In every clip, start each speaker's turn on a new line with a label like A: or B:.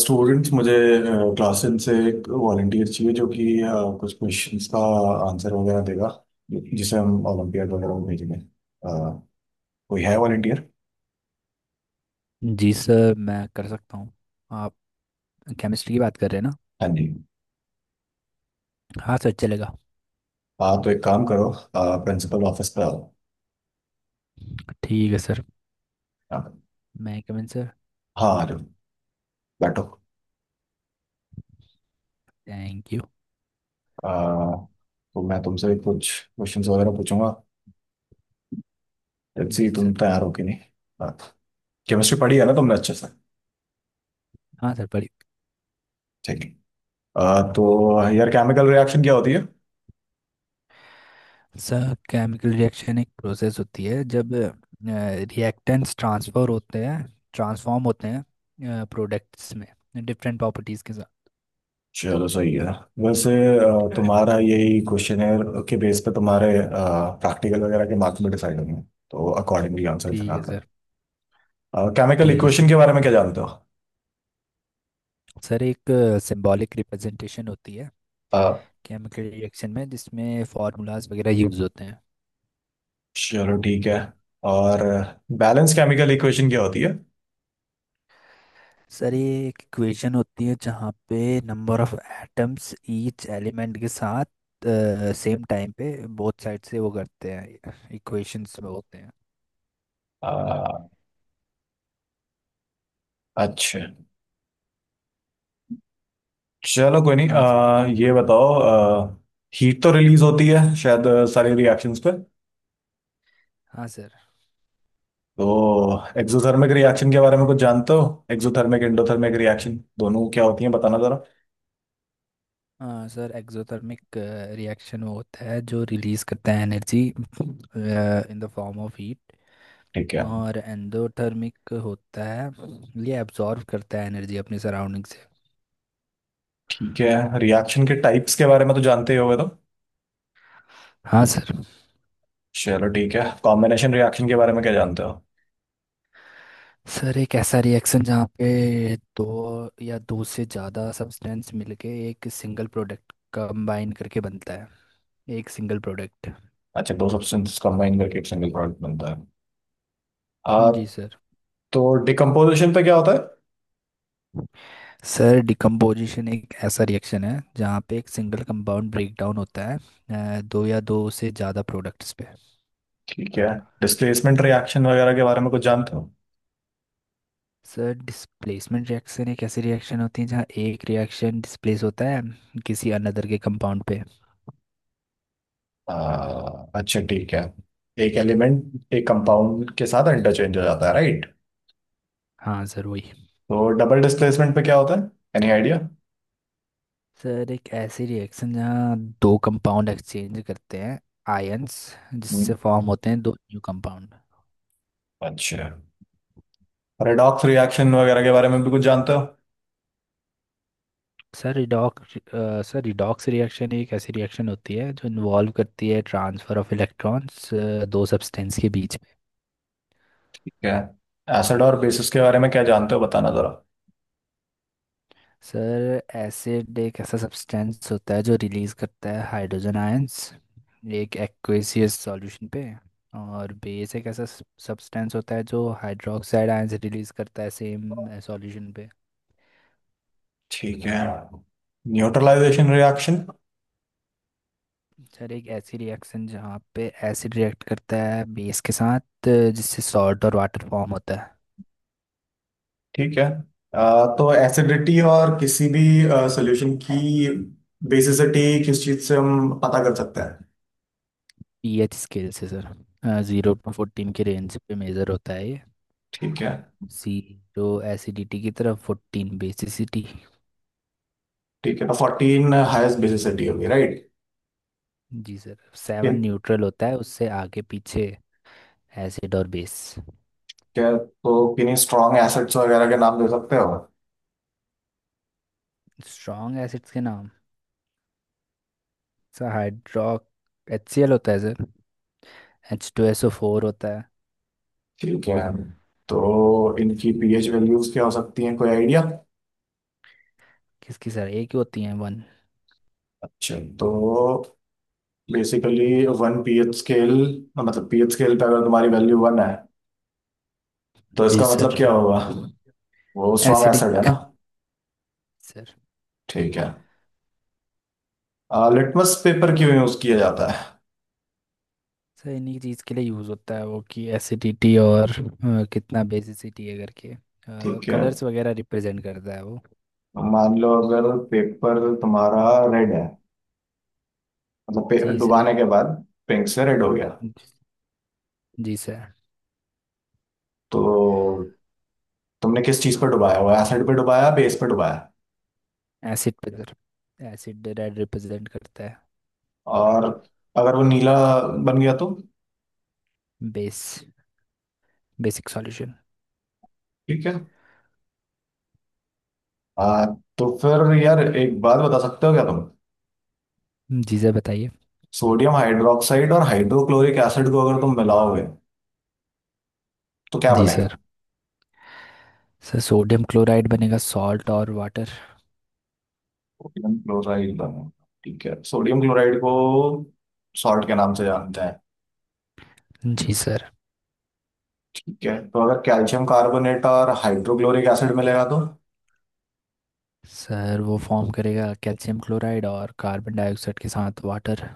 A: Students मुझे क्लासन से एक वॉलंटियर चाहिए जो कि कुछ क्वेश्चंस का आंसर वगैरह देगा, जिसे हम ओलंपियाड वगैरह में भेजेंगे। कोई है वॉलंटियर?
B: जी सर, मैं कर सकता हूँ। आप केमिस्ट्री की बात कर रहे हैं ना।
A: हाँ जी।
B: हाँ सर, चलेगा।
A: हाँ, तो एक काम करो, प्रिंसिपल ऑफिस पे आओ।
B: ठीक है सर।
A: हाँ,
B: मैं कमिन सर।
A: हाँ, आ जाओ। बैठो।
B: Thank you.
A: अ, तो मैं तुमसे कुछ क्वेश्चंस वगैरह पूछूंगा, लेट्स सी
B: जी सर।
A: तुम तैयार हो कि नहीं। केमिस्ट्री पढ़ी है ना तुमने अच्छे से?
B: हाँ सर, पढ़िए।
A: ठीक है। तो यार, केमिकल रिएक्शन क्या होती है?
B: सर केमिकल रिएक्शन एक प्रोसेस होती है जब रिएक्टेंट्स ट्रांसफर होते हैं, ट्रांसफॉर्म होते हैं प्रोडक्ट्स में, डिफरेंट प्रॉपर्टीज़ के साथ।
A: चलो सही है। वैसे तुम्हारा यही
B: Sorry.
A: क्वेश्चनेयर के बेस पे तुम्हारे प्रैक्टिकल वगैरह के मार्क्स भी डिसाइड होंगे, तो अकॉर्डिंगली आंसर
B: ठीक
A: देना
B: है
A: कर।
B: सर।
A: केमिकल
B: ठीक है सर
A: इक्वेशन के बारे में क्या जानते हो?
B: सर एक सिंबॉलिक रिप्रेजेंटेशन होती है
A: अ,
B: केमिकल रिएक्शन में, जिसमें फार्मूलाज वगैरह यूज़ होते हैं।
A: चलो ठीक है। और बैलेंस केमिकल इक्वेशन क्या होती है?
B: सर ये एक इक्वेशन होती है जहाँ पे number of atoms each element के साथ सेम टाइम पे बोथ साइड से वो करते हैं इक्वेशंस में होते हैं।
A: अ, अच्छा, चलो कोई नहीं,
B: हाँ सर।
A: ये बताओ, हीट तो रिलीज होती है शायद सारी रिएक्शंस पे।
B: हाँ सर।
A: तो एक्सोथर्मिक रिएक्शन के बारे में कुछ जानते हो? एक्सोथर्मिक एंडोथर्मिक रिएक्शन दोनों क्या होती है बताना जरा।
B: हाँ सर, एक्सोथर्मिक रिएक्शन वो होता है जो रिलीज करता है energy in the form of heat.
A: ठीक है।
B: और एंडोथर्मिक होता है, ये एब्जॉर्ब करता है एनर्जी अपनी सराउंडिंग से।
A: ठीक है, रिएक्शन के टाइप्स के बारे में तो जानते ही होगे तो।
B: हाँ सर।
A: चलो ठीक है, कॉम्बिनेशन रिएक्शन के बारे में क्या जानते हो?
B: सर एक ऐसा रिएक्शन जहाँ पे दो या दो से ज़्यादा सब्सटेंस मिलके एक सिंगल प्रोडक्ट कंबाइन करके बनता है, एक सिंगल प्रोडक्ट।
A: अच्छा, दो सब्सटेंसेस कंबाइन करके एक सिंगल प्रोडक्ट बनता है। आ,
B: जी सर।
A: तो डिकम्पोजिशन पे क्या होता है?
B: सर डिकम्पोजिशन एक ऐसा रिएक्शन है जहाँ पे एक सिंगल कंपाउंड ब्रेक डाउन होता है दो या दो से ज़्यादा प्रोडक्ट्स पे।
A: ठीक है। डिस्प्लेसमेंट रिएक्शन वगैरह के बारे में कुछ जानते हो?
B: सर डिस्प्लेसमेंट रिएक्शन एक ऐसी रिएक्शन होती है जहाँ एक रिएक्शन डिस्प्लेस होता है किसी अनदर के कंपाउंड पे।
A: आ, अच्छा ठीक है। एक एलिमेंट एक कंपाउंड के साथ इंटरचेंज हो जाता है, राइट?
B: हाँ सर, वही।
A: तो डबल डिस्प्लेसमेंट पे क्या होता है? Any idea?
B: सर एक ऐसी रिएक्शन जहाँ दो कंपाउंड एक्सचेंज करते हैं आयंस, जिससे फॉर्म होते हैं दो न्यू कंपाउंड।
A: अच्छा। पैराडॉक्स रिएक्शन वगैरह के बारे में भी कुछ जानते हो?
B: Sir redox sir redox reaction एक ऐसी रिएक्शन होती है जो इन्वॉल्व करती है ट्रांसफर ऑफ इलेक्ट्रॉन्स, दो सब्सटेंस के बीच में।
A: क्या? एसिड और बेसिस के बारे में क्या जानते हो बताना जरा।
B: सर एसिड एक ऐसा सब्सटेंस होता है जो रिलीज करता है हाइड्रोजन आयंस एक एक्वेसियस सॉल्यूशन पे। और बेस एक ऐसा सब्सटेंस होता है जो हाइड्रोक्साइड आयंस रिलीज करता है सेम सॉल्यूशन पे।
A: ठीक है। Neutralisation reaction?
B: सर एक ऐसी रिएक्शन जहाँ पे एसिड रिएक्ट करता है बेस के साथ, जिससे सॉल्ट और वाटर फॉर्म होता है।
A: ठीक है। तो एसिडिटी और किसी भी सॉल्यूशन की बेसिसिटी किस चीज से हम पता कर सकते हैं?
B: पीएच स्केल से सर। 0 से 14 के रेंज पे मेजर होता है ये।
A: ठीक है।
B: जीरो एसिडिटी की तरफ, 14 बेसिसिटी।
A: ठीक है, तो फोर्टीन हाईएस्ट बेसिसिटी होगी, राइट?
B: जी सर। 7
A: किन?
B: न्यूट्रल होता है, उससे आगे पीछे एसिड और बेस।
A: क्या, तो किन्हीं स्ट्रॉन्ग एसिड्स वगैरह के नाम दे सकते हो?
B: स्ट्रॉन्ग एसिड्स के नाम। Sir hydro H C L होता है sir. H two S O four होता है।
A: ठीक है, तो इनकी पीएच वैल्यूज क्या हो सकती हैं, कोई आइडिया?
B: किसकी सर, एक ही होती है, 1।
A: अच्छा, तो बेसिकली वन पीएच स्केल, मतलब पीएच स्केल पे अगर तुम्हारी वैल्यू वन है, तो
B: जी
A: इसका मतलब
B: सर।
A: क्या होगा? वो स्ट्रॉन्ग एसिड है ना।
B: Acidic sir.
A: ठीक है। लिटमस पेपर क्यों यूज किया जाता है?
B: सर इन्हीं चीज़ के लिए यूज़ होता है वो, कि एसिडिटी और कितना बेसिसिटी है करके।
A: ठीक है।
B: कलर्स वगैरह रिप्रेजेंट करता है वो।
A: मान लो अगर पेपर तुम्हारा रेड है, मतलब पे-
B: जी
A: डुबाने
B: सर।
A: के बाद पिंक से रेड हो गया,
B: जी सर।
A: तो तुमने किस चीज पर डुबाया, वो एसिड पे डुबाया बेस पे डुबाया?
B: एसिड पे सर। एसिड रेड रिप्रेजेंट करता है।
A: और अगर वो नीला बन गया तो?
B: Base, basic solution.
A: ठीक है। आ, तो फिर यार, एक बात बता सकते हो क्या तुम,
B: जी सर, बताइए।
A: सोडियम हाइड्रोक्साइड और हाइड्रोक्लोरिक एसिड को अगर तुम मिलाओगे तो क्या
B: जी
A: बनेगा?
B: सर। सर सोडियम क्लोराइड बनेगा, सॉल्ट और वाटर।
A: सोडियम क्लोराइड बनेगा। ठीक है, सोडियम क्लोराइड को सॉल्ट के नाम से जानते हैं।
B: जी सर।
A: ठीक है, तो अगर कैल्शियम कार्बोनेट और हाइड्रोक्लोरिक एसिड मिलेगा तो?
B: सर वो फॉर्म करेगा कैल्शियम क्लोराइड और कार्बन डाइऑक्साइड के साथ वाटर।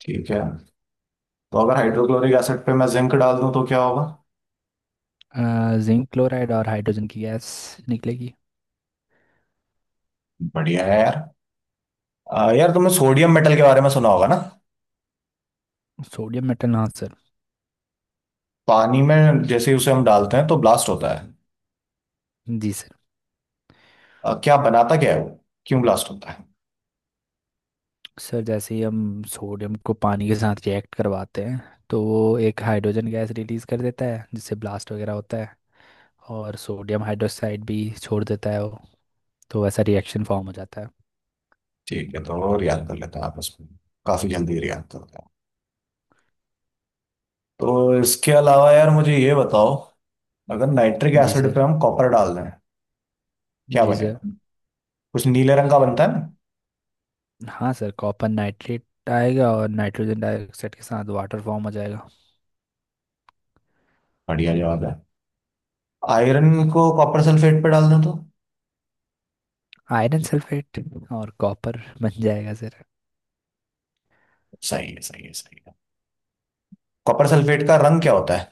A: ठीक है, तो अगर हाइड्रोक्लोरिक एसिड पे मैं जिंक डाल दूं तो क्या होगा?
B: जिंक क्लोराइड और हाइड्रोजन की गैस निकलेगी।
A: बढ़िया है यार। यार, तुमने सोडियम मेटल के बारे में सुना होगा ना?
B: सोडियम मेटल, हाँ सर।
A: पानी में जैसे ही उसे हम डालते हैं तो ब्लास्ट होता है।
B: जी सर।
A: क्या बनाता क्या है वो, क्यों ब्लास्ट होता है?
B: सर जैसे ही हम सोडियम को पानी के साथ रिएक्ट करवाते हैं, तो वो एक हाइड्रोजन गैस रिलीज़ कर देता है जिससे ब्लास्ट वगैरह होता है। और सोडियम हाइड्रोक्साइड भी छोड़ देता है वो। तो वैसा रिएक्शन फॉर्म हो जाता है।
A: ठीक है, तो और याद कर लेते हैं आप इसमें, काफी जल्दी याद करते हैं। तो इसके अलावा यार मुझे ये बताओ, अगर नाइट्रिक
B: जी
A: एसिड पे
B: सर।
A: हम कॉपर डाल दें, क्या
B: जी सर।
A: बनेगा? कुछ नीले रंग का बनता है ना।
B: हाँ सर, कॉपर नाइट्रेट आएगा और नाइट्रोजन डाइऑक्साइड के साथ वाटर फॉर्म हो जाएगा।
A: बढ़िया जवाब है। आयरन को कॉपर सल्फेट पे डाल दें तो?
B: आयरन सल्फेट और कॉपर बन जाएगा सर।
A: सही है, सही है, सही है। कॉपर सल्फेट का रंग क्या होता है?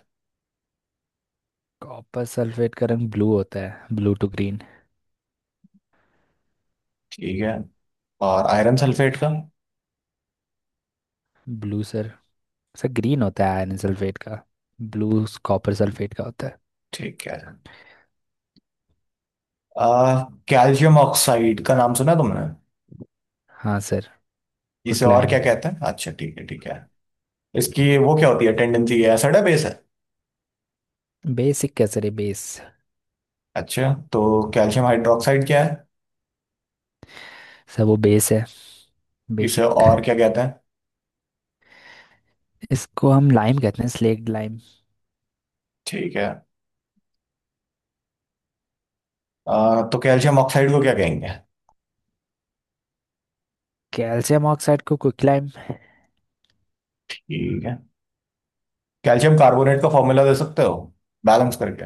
B: कॉपर सल्फेट का रंग ब्लू होता है, ब्लू टू ग्रीन।
A: ठीक है। और आयरन सल्फेट का?
B: Blue sir. सर ग्रीन होता है आयरन सल्फेट का, ब्लू कॉपर सल्फेट का होता है।
A: ठीक है। आ, कैल्शियम ऑक्साइड का नाम सुना है तुमने?
B: हाँ सर,
A: इसे और क्या
B: क्विकलाइम।
A: कहते हैं? अच्छा ठीक है, ठीक है। इसकी वो क्या होती है टेंडेंसी, है एसिड है बेस है?
B: बेसिक, क्या सर, ये बेस।
A: अच्छा, तो कैल्शियम हाइड्रोक्साइड क्या है?
B: सर वो बेस है,
A: इसे
B: बेसिक।
A: और क्या कहते हैं?
B: इसको हम लाइम कहते हैं, स्लेक्ट लाइम।
A: ठीक है। तो कैल्शियम ऑक्साइड को क्या कहेंगे?
B: कैल्शियम ऑक्साइड को क्विकलाइम।
A: ठीक है। कैल्शियम कार्बोनेट का फॉर्मूला दे सकते हो, बैलेंस करके?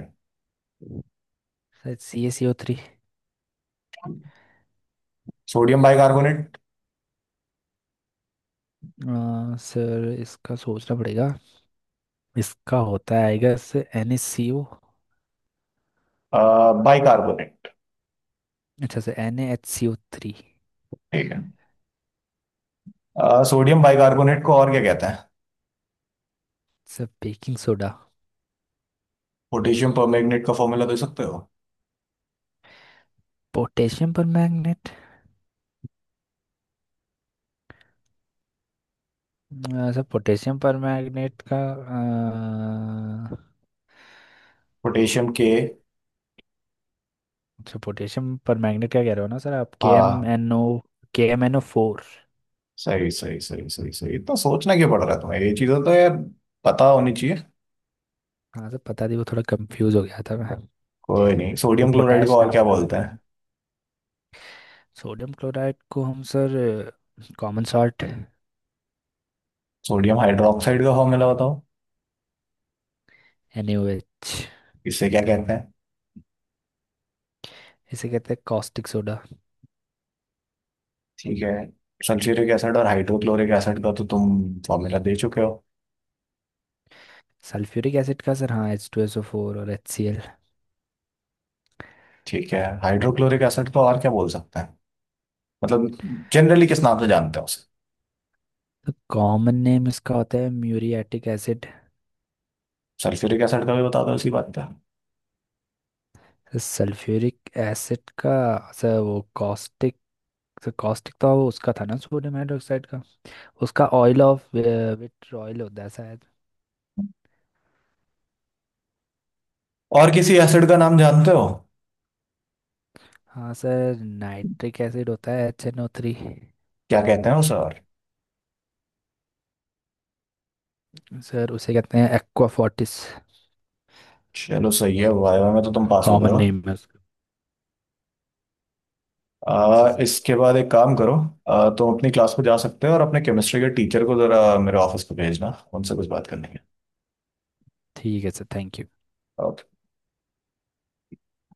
B: Sir C A C O 3।
A: Sodium bicarbonate.
B: आ, सर इसका सोचना पड़ेगा। इसका होता है, आएगा sir, N H C O.
A: Bicarbonate.
B: अच्छा sir, N A H C ओ 3।
A: ठीक है। सोडियम बाइकार्बोनेट को और क्या कहते हैं?
B: Sir baking soda.
A: Potassium permanganate का फॉर्मूला दे सकते हो?
B: Potassium permanganate. Sir potassium permanganate का।
A: पोटेशियम के।
B: अच्छा पोटेशियम पर मैग्नेट क्या कह रहे हो ना सर आप, के एम
A: हाँ।
B: N O. K M N ओ 4।
A: सही सही सही सही सही, इतना सोचना क्यों पड़ रहा है तुम्हें, ये चीजें तो यार पता होनी चाहिए।
B: हाँ सर, पता नहीं, वो थोड़ा कंफ्यूज हो गया था मैं।
A: कोई नहीं,
B: वो
A: सोडियम क्लोराइड को
B: पोटेश
A: और
B: नाम
A: क्या
B: याद आ
A: बोलते
B: रहा
A: हैं?
B: था। सोडियम क्लोराइड को हम sir common salt.
A: Sodium hydroxide का फॉर्मूला बताओ।
B: N A O H.
A: इसे क्या कहते हैं?
B: इसे कहते हैं कॉस्टिक सोडा।
A: ठीक है। सल्फ्यूरिक एसिड और हाइड्रोक्लोरिक एसिड का तो तुम फॉर्मूला दे चुके हो।
B: सल्फ्यूरिक एसिड का सर हाँ एच टू एस ओ 4, और एच सी एल।
A: ठीक है, हाइड्रोक्लोरिक एसिड को और क्या बोल सकते हैं, मतलब जनरली किस नाम से जानते हो उसे?
B: तो कॉमन नेम इसका होता है म्यूरियाटिक एसिड।
A: सल्फ्यूरिक एसिड का भी बता दो उसी बात पे।
B: सल्फ्यूरिक एसिड का, सर वो कॉस्टिक। सर कॉस्टिक तो वो उसका था ना, सोडियम हाइड्रोक्साइड का। उसका ऑयल ऑफ विट्रॉयल होता है शायद।
A: और किसी एसिड का नाम जानते हो?
B: हाँ सर, नाइट्रिक एसिड होता है एच एन ओ 3।
A: क्या कहते हैं उसे और?
B: सर उसे कहते हैं एक्वा फोर्टिस।
A: चलो सही है, वाइवा में तो तुम पास हो गए
B: कॉमन
A: हो।
B: नेम है उसका। जी सर।
A: इसके बाद एक काम करो, तुम अपनी क्लास में जा सकते हो और अपने केमिस्ट्री के टीचर को जरा मेरे ऑफिस पे भेजना, उनसे कुछ बात करनी है।
B: ठीक है सर, थैंक यू।
A: ओके।